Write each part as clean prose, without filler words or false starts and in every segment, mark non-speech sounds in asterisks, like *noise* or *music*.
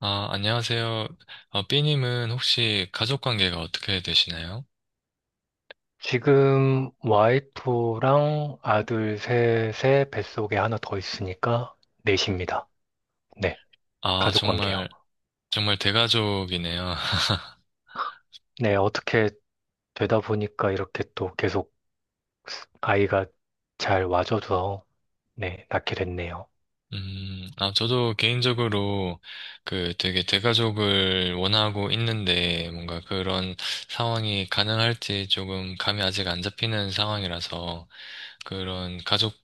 아, 안녕하세요. 삐님은 혹시 가족 관계가 어떻게 되시나요? 지금 와이프랑 아들 셋의 뱃속에 하나 더 있으니까 넷입니다. 네, 아, 가족 관계요. 정말, 정말 대가족이네요. *laughs* 네, 어떻게 되다 보니까 이렇게 또 계속 아이가 잘 와줘서 네, 낳게 됐네요. 아, 저도 개인적으로 그 되게 대가족을 원하고 있는데 뭔가 그런 상황이 가능할지 조금 감이 아직 안 잡히는 상황이라서 그런 가족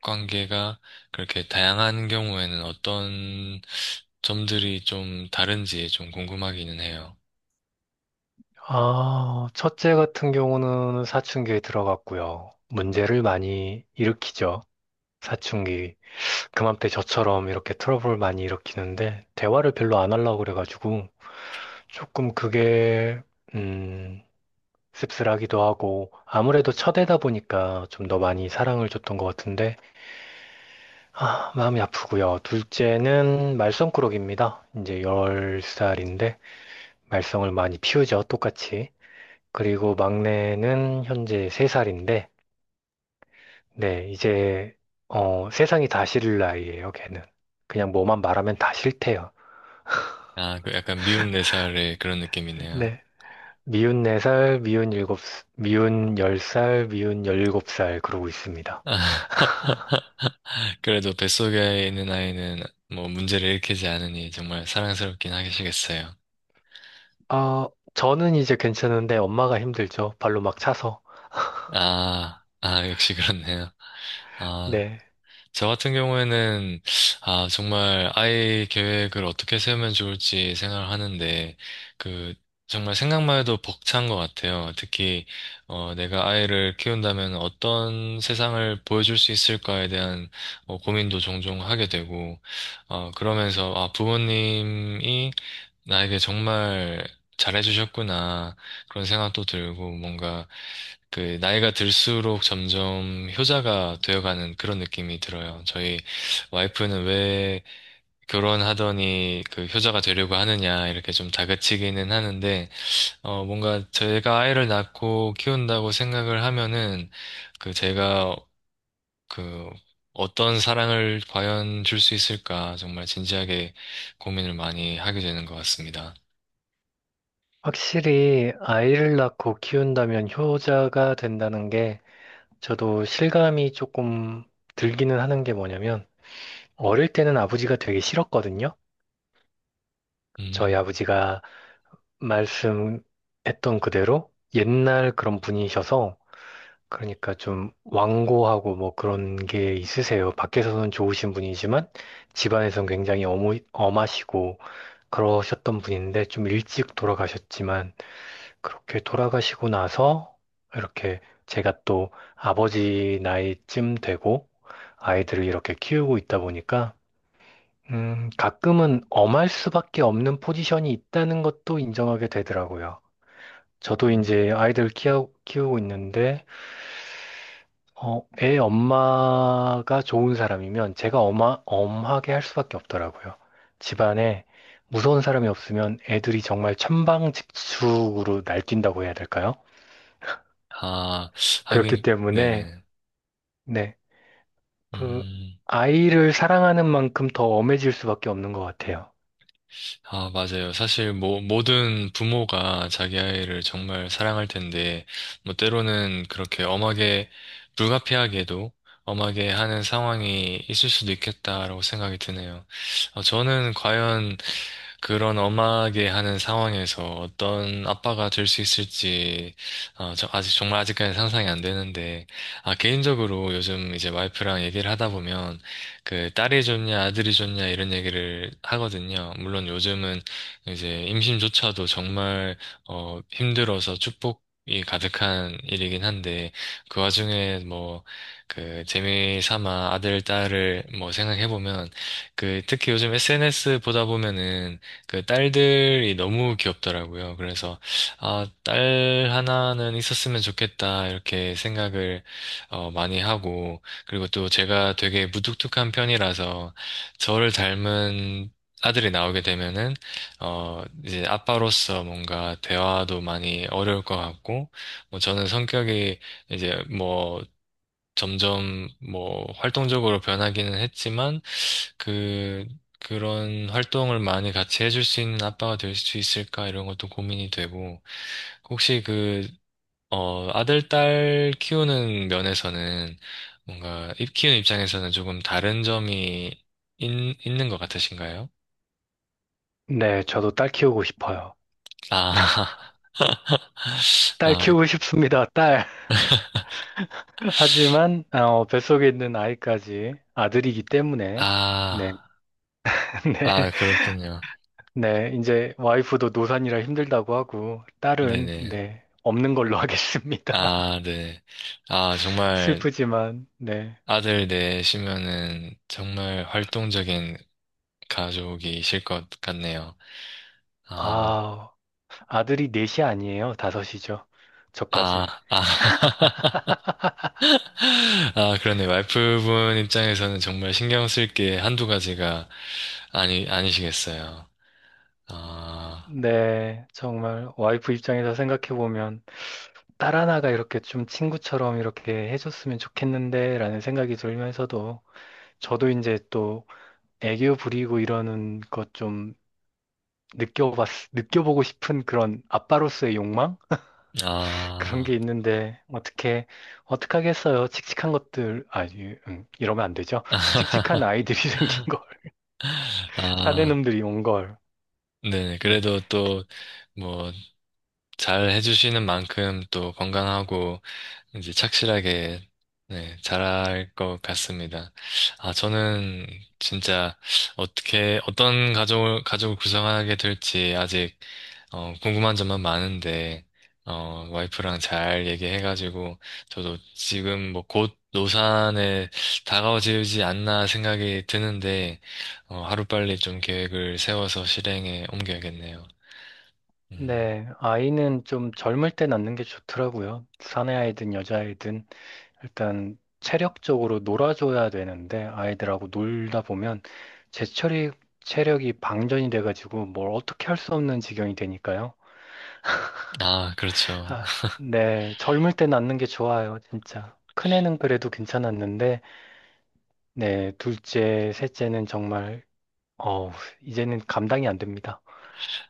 관계가 그렇게 다양한 경우에는 어떤 점들이 좀 다른지 좀 궁금하기는 해요. 아, 첫째 같은 경우는 사춘기에 들어갔고요. 문제를 많이 일으키죠. 사춘기. 그맘때 저처럼 이렇게 트러블 많이 일으키는데 대화를 별로 안 하려고 그래가지고 조금 그게 음, 씁쓸하기도 하고 아무래도 첫애다 보니까 좀 더 많이 사랑을 줬던 것 같은데 아, 마음이 아프고요. 둘째는 말썽꾸러기입니다. 이제 10살인데 말썽을 많이 피우죠. 똑같이. 그리고 막내는 현재 3살인데 네, 이제 세상이 다 싫을 나이예요, 걔는. 그냥 뭐만 말하면 다 싫대요. 아, 그 약간 미운 네 살의 그런 느낌이네요. 네. 미운 4살, 미운 일곱, 미운 10살, 미운 17살 그러고 있습니다. 아, *laughs* 그래도 뱃속에 있는 아이는 뭐 문제를 일으키지 않으니 정말 사랑스럽긴 하시겠어요. 아, 저는 이제 괜찮은데 엄마가 힘들죠. 발로 막 차서. 아, 아, 역시 그렇네요. 아, 네. 저 같은 경우에는, 아, 정말 아이 계획을 어떻게 세우면 좋을지 생각을 하는데, 그, 정말 생각만 해도 벅찬 것 같아요. 특히, 내가 아이를 키운다면 어떤 세상을 보여줄 수 있을까에 대한 고민도 종종 하게 되고, 어, 그러면서, 아, 부모님이 나에게 정말 잘해주셨구나. 그런 생각도 들고, 뭔가, 그, 나이가 들수록 점점 효자가 되어가는 그런 느낌이 들어요. 저희 와이프는 왜 결혼하더니 그 효자가 되려고 하느냐, 이렇게 좀 다그치기는 하는데, 뭔가 제가 아이를 낳고 키운다고 생각을 하면은, 그, 제가, 그, 어떤 사랑을 과연 줄 수 있을까, 정말 진지하게 고민을 많이 하게 되는 것 같습니다. 확실히 아이를 낳고 키운다면 효자가 된다는 게 저도 실감이 조금 들기는 하는 게 뭐냐면 어릴 때는 아버지가 되게 싫었거든요. 저희 음. 아버지가 말씀했던 그대로 옛날 그런 분이셔서 그러니까 좀 완고하고 뭐 그런 게 있으세요. 밖에서는 좋으신 분이지만 집안에선 굉장히 어무 엄하시고 그러셨던 분인데 좀 일찍 돌아가셨지만 그렇게 돌아가시고 나서 이렇게 제가 또 아버지 나이쯤 되고 아이들을 이렇게 키우고 있다 보니까 가끔은 엄할 수밖에 없는 포지션이 있다는 것도 인정하게 되더라고요. 저도 음. 이제 아이들 키우고 있는데 애 엄마가 좋은 사람이면 제가 엄하게 할 수밖에 없더라고요. 집안에 무서운 사람이 없으면 애들이 정말 천방지축으로 날뛴다고 해야 될까요? 아, 그렇기 하긴, 때문에, 네네. 네, 그, 음, 아이를 사랑하는 만큼 더 엄해질 수밖에 없는 것 같아요. 아, 맞아요. 사실, 뭐, 모든 부모가 자기 아이를 정말 사랑할 텐데, 뭐, 때로는 그렇게 엄하게, 불가피하게도 엄하게 하는 상황이 있을 수도 있겠다라고 생각이 드네요. 저는 과연 그런 엄하게 하는 상황에서 어떤 아빠가 될 수 있을지 저 아직 정말 아직까지 상상이 안 되는데 아 개인적으로 요즘 이제 와이프랑 얘기를 하다 보면 그 딸이 좋냐 아들이 좋냐 이런 얘기를 하거든요. 물론 요즘은 이제 임신조차도 정말 힘들어서 축복 이 가득한 일이긴 한데 그 와중에 뭐 그 재미 삼아 아들 딸을 뭐 생각해 보면 그 특히 요즘 SNS 보다 보면은 그 딸들이 너무 귀엽더라고요. 그래서 아, 딸 하나는 있었으면 좋겠다 이렇게 생각을 어, 많이 하고 그리고 또 제가 되게 무뚝뚝한 편이라서 저를 닮은 아들이 나오게 되면은 이제 아빠로서 뭔가 대화도 많이 어려울 것 같고 뭐 저는 성격이 이제 뭐 점점 뭐 활동적으로 변하기는 했지만 그, 그런 활동을 많이 같이 해줄 수 있는 아빠가 될 수 있을까 이런 것도 고민이 되고, 혹시 그, 어, 아들, 딸 키우는 면에서는 뭔가 입 키우는 입장에서는 조금 다른 점이 있는 것 같으신가요? 네, 저도 딸 키우고 싶어요. 아, *laughs* 딸 아, 키우고 싶습니다, 딸. *laughs* 하지만, 뱃속에 있는 아이까지 아들이기 때문에, 네, 아, *laughs* 네. 아, 그렇군요. 네, 이제 와이프도 노산이라 힘들다고 하고, 딸은, 네네. 네, 없는 걸로 *laughs* 하겠습니다. 아, 네. 아, *laughs* 정말 슬프지만, 네. 아들 내시면은 정말 활동적인 가족이실 것 같네요. 아, 아, 아들이 넷이 아니에요. 다섯이죠. 저까지. 아, 아. *laughs* 아, 그러네. 와이프분 입장에서는 정말 신경 쓸게 한두 가지가 아니, 아니시겠어요. 아, 네, 정말 와이프 입장에서 생각해보면, 딸 하나가 이렇게 좀 친구처럼 이렇게 해줬으면 좋겠는데, 라는 생각이 들면서도, 저도 이제 또 애교 부리고 이러는 것 좀 느껴봤, 느껴보고 싶은 그런 아빠로서의 욕망? 그런 게 아. 있는데 어떻게 하겠어요? 칙칙한 것들 이러면 안 되죠. 칙칙한 *laughs* 아이들이 *laughs* 생긴 걸 사내 아, 놈들이 온 걸. 네네. 네, 그래도 또, 뭐, 잘 해주시는 만큼 또 건강하고 이제 착실하게 네, 잘할 것 같습니다. 아, 저는 진짜 어떤 가족을 구성하게 될지 아직 어, 궁금한 점만 많은데, 어, 와이프랑 잘 얘기해가지고, 저도 지금 뭐 곧 노산에 다가오지 않나 생각이 드는데, 어, 하루빨리 좀 계획을 세워서 실행에 옮겨야겠네요. 음, 네 아이는 좀 젊을 때 낳는 게 좋더라고요. 사내 아이든 여자아이든 일단 체력적으로 놀아줘야 되는데 아이들하고 놀다 보면 제철이 체력이 방전이 돼가지고 뭘 어떻게 할 수 없는 지경이 되니까요. 아, 그렇죠. 아, 네, 젊을 때 낳는 게 좋아요, 진짜. 큰애는 그래도 괜찮았는데. 네, 둘째, 셋째는 정말, 어, 이제는 감당이 안 됩니다.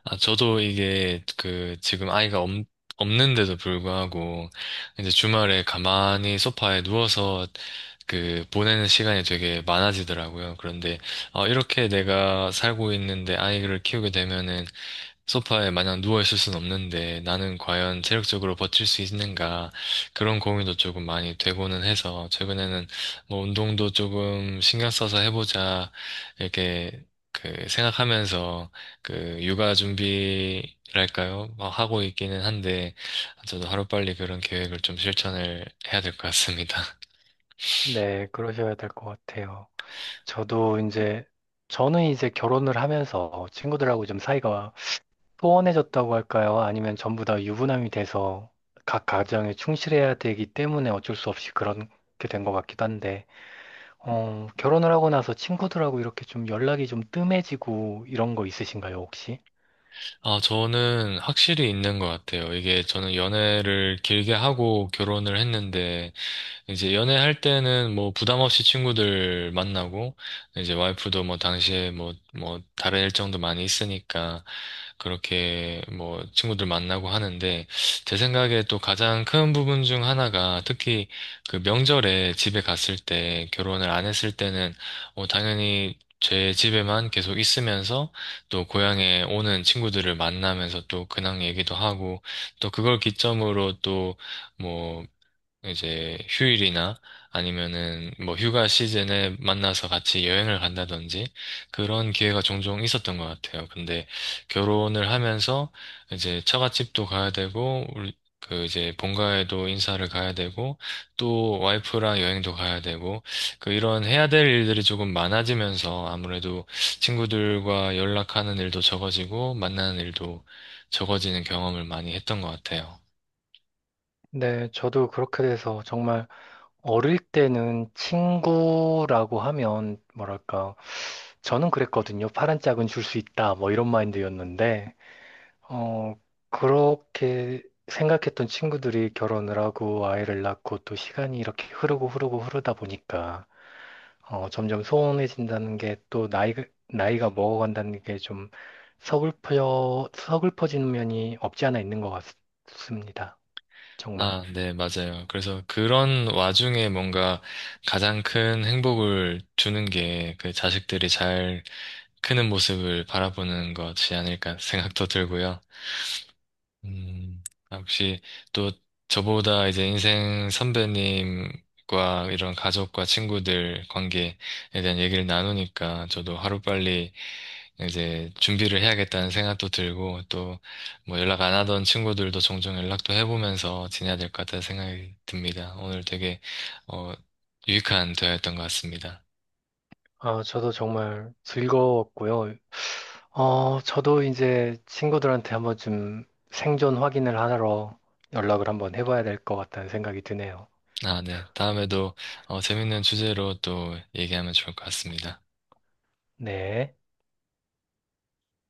아, 저도 이게 그 지금 아이가 없는데도 불구하고 이제 주말에 가만히 소파에 누워서 그 보내는 시간이 되게 많아지더라고요. 그런데 어, 이렇게 내가 살고 있는데 아이를 키우게 되면은 소파에 마냥 누워있을 순 없는데 나는 과연 체력적으로 버틸 수 있는가 그런 고민도 조금 많이 되고는 해서 최근에는 뭐 운동도 조금 신경 써서 해보자 이렇게 그 생각하면서 그 육아 준비랄까요? 뭐 하고 있기는 한데 저도 하루빨리 그런 계획을 좀 실천을 해야 될 것 같습니다. *laughs* 네, 그러셔야 될 것 같아요. 저도 이제, 저는 이제 결혼을 하면서 친구들하고 좀 사이가 소원해졌다고 할까요? 아니면 전부 다 유부남이 돼서 각 가정에 충실해야 되기 때문에 어쩔 수 없이 그렇게 된 것 같기도 한데, 결혼을 하고 나서 친구들하고 이렇게 좀 연락이 좀 뜸해지고 이런 거 있으신가요, 혹시? 아, 저는 확실히 있는 것 같아요. 이게 저는 연애를 길게 하고 결혼을 했는데 이제 연애할 때는 뭐 부담 없이 친구들 만나고 이제 와이프도 뭐 당시에 뭐 다른 일정도 많이 있으니까 그렇게 뭐 친구들 만나고 하는데 제 생각에 또 가장 큰 부분 중 하나가 특히 그 명절에 집에 갔을 때 결혼을 안 했을 때는 당연히 제 집에만 계속 있으면서 또 고향에 오는 친구들을 만나면서 또 근황 얘기도 하고 또 그걸 기점으로 또뭐 이제 휴일이나 아니면은 뭐 휴가 시즌에 만나서 같이 여행을 간다든지 그런 기회가 종종 있었던 것 같아요. 근데 결혼을 하면서 이제 처갓집도 가야 되고 우리 그 이제 본가에도 인사를 가야 되고 또 와이프랑 여행도 가야 되고 그 이런 해야 될 일들이 조금 많아지면서 아무래도 친구들과 연락하는 일도 적어지고 만나는 일도 적어지는 경험을 많이 했던 것 같아요. 네, 저도 그렇게 돼서 정말 어릴 때는 친구라고 하면 뭐랄까 저는 그랬거든요. 파란 짝은 줄 수 있다 뭐 이런 마인드였는데 어 그렇게 생각했던 친구들이 결혼을 하고 아이를 낳고 또 시간이 이렇게 흐르고 흐르고 흐르다 보니까 점점 소원해진다는 게 또 나이가 먹어간다는 게 좀 서글퍼지는 면이 없지 않아 있는 것 같습니다. 정말. 아, 네, 맞아요. 그래서 그런 와중에 뭔가 가장 큰 행복을 주는 게 그 자식들이 잘 크는 모습을 바라보는 것이 아닐까 생각도 들고요. 음, 아, 혹시 또 저보다 이제 인생 선배님과 이런 가족과 친구들 관계에 대한 얘기를 나누니까 저도 하루빨리 이제 준비를 해야겠다는 생각도 들고 또 뭐 연락 안 하던 친구들도 종종 연락도 해보면서 지내야 될 것 같다는 생각이 듭니다. 오늘 되게 어, 유익한 대화였던 것 같습니다. 아, 저도 정말 즐거웠고요. 저도 이제 친구들한테 한번 좀 생존 확인을 하러 연락을 한번 해봐야 될 것 같다는 생각이 드네요. 아, 네. 다음에도 재밌는 주제로 또 얘기하면 좋을 것 같습니다. 네.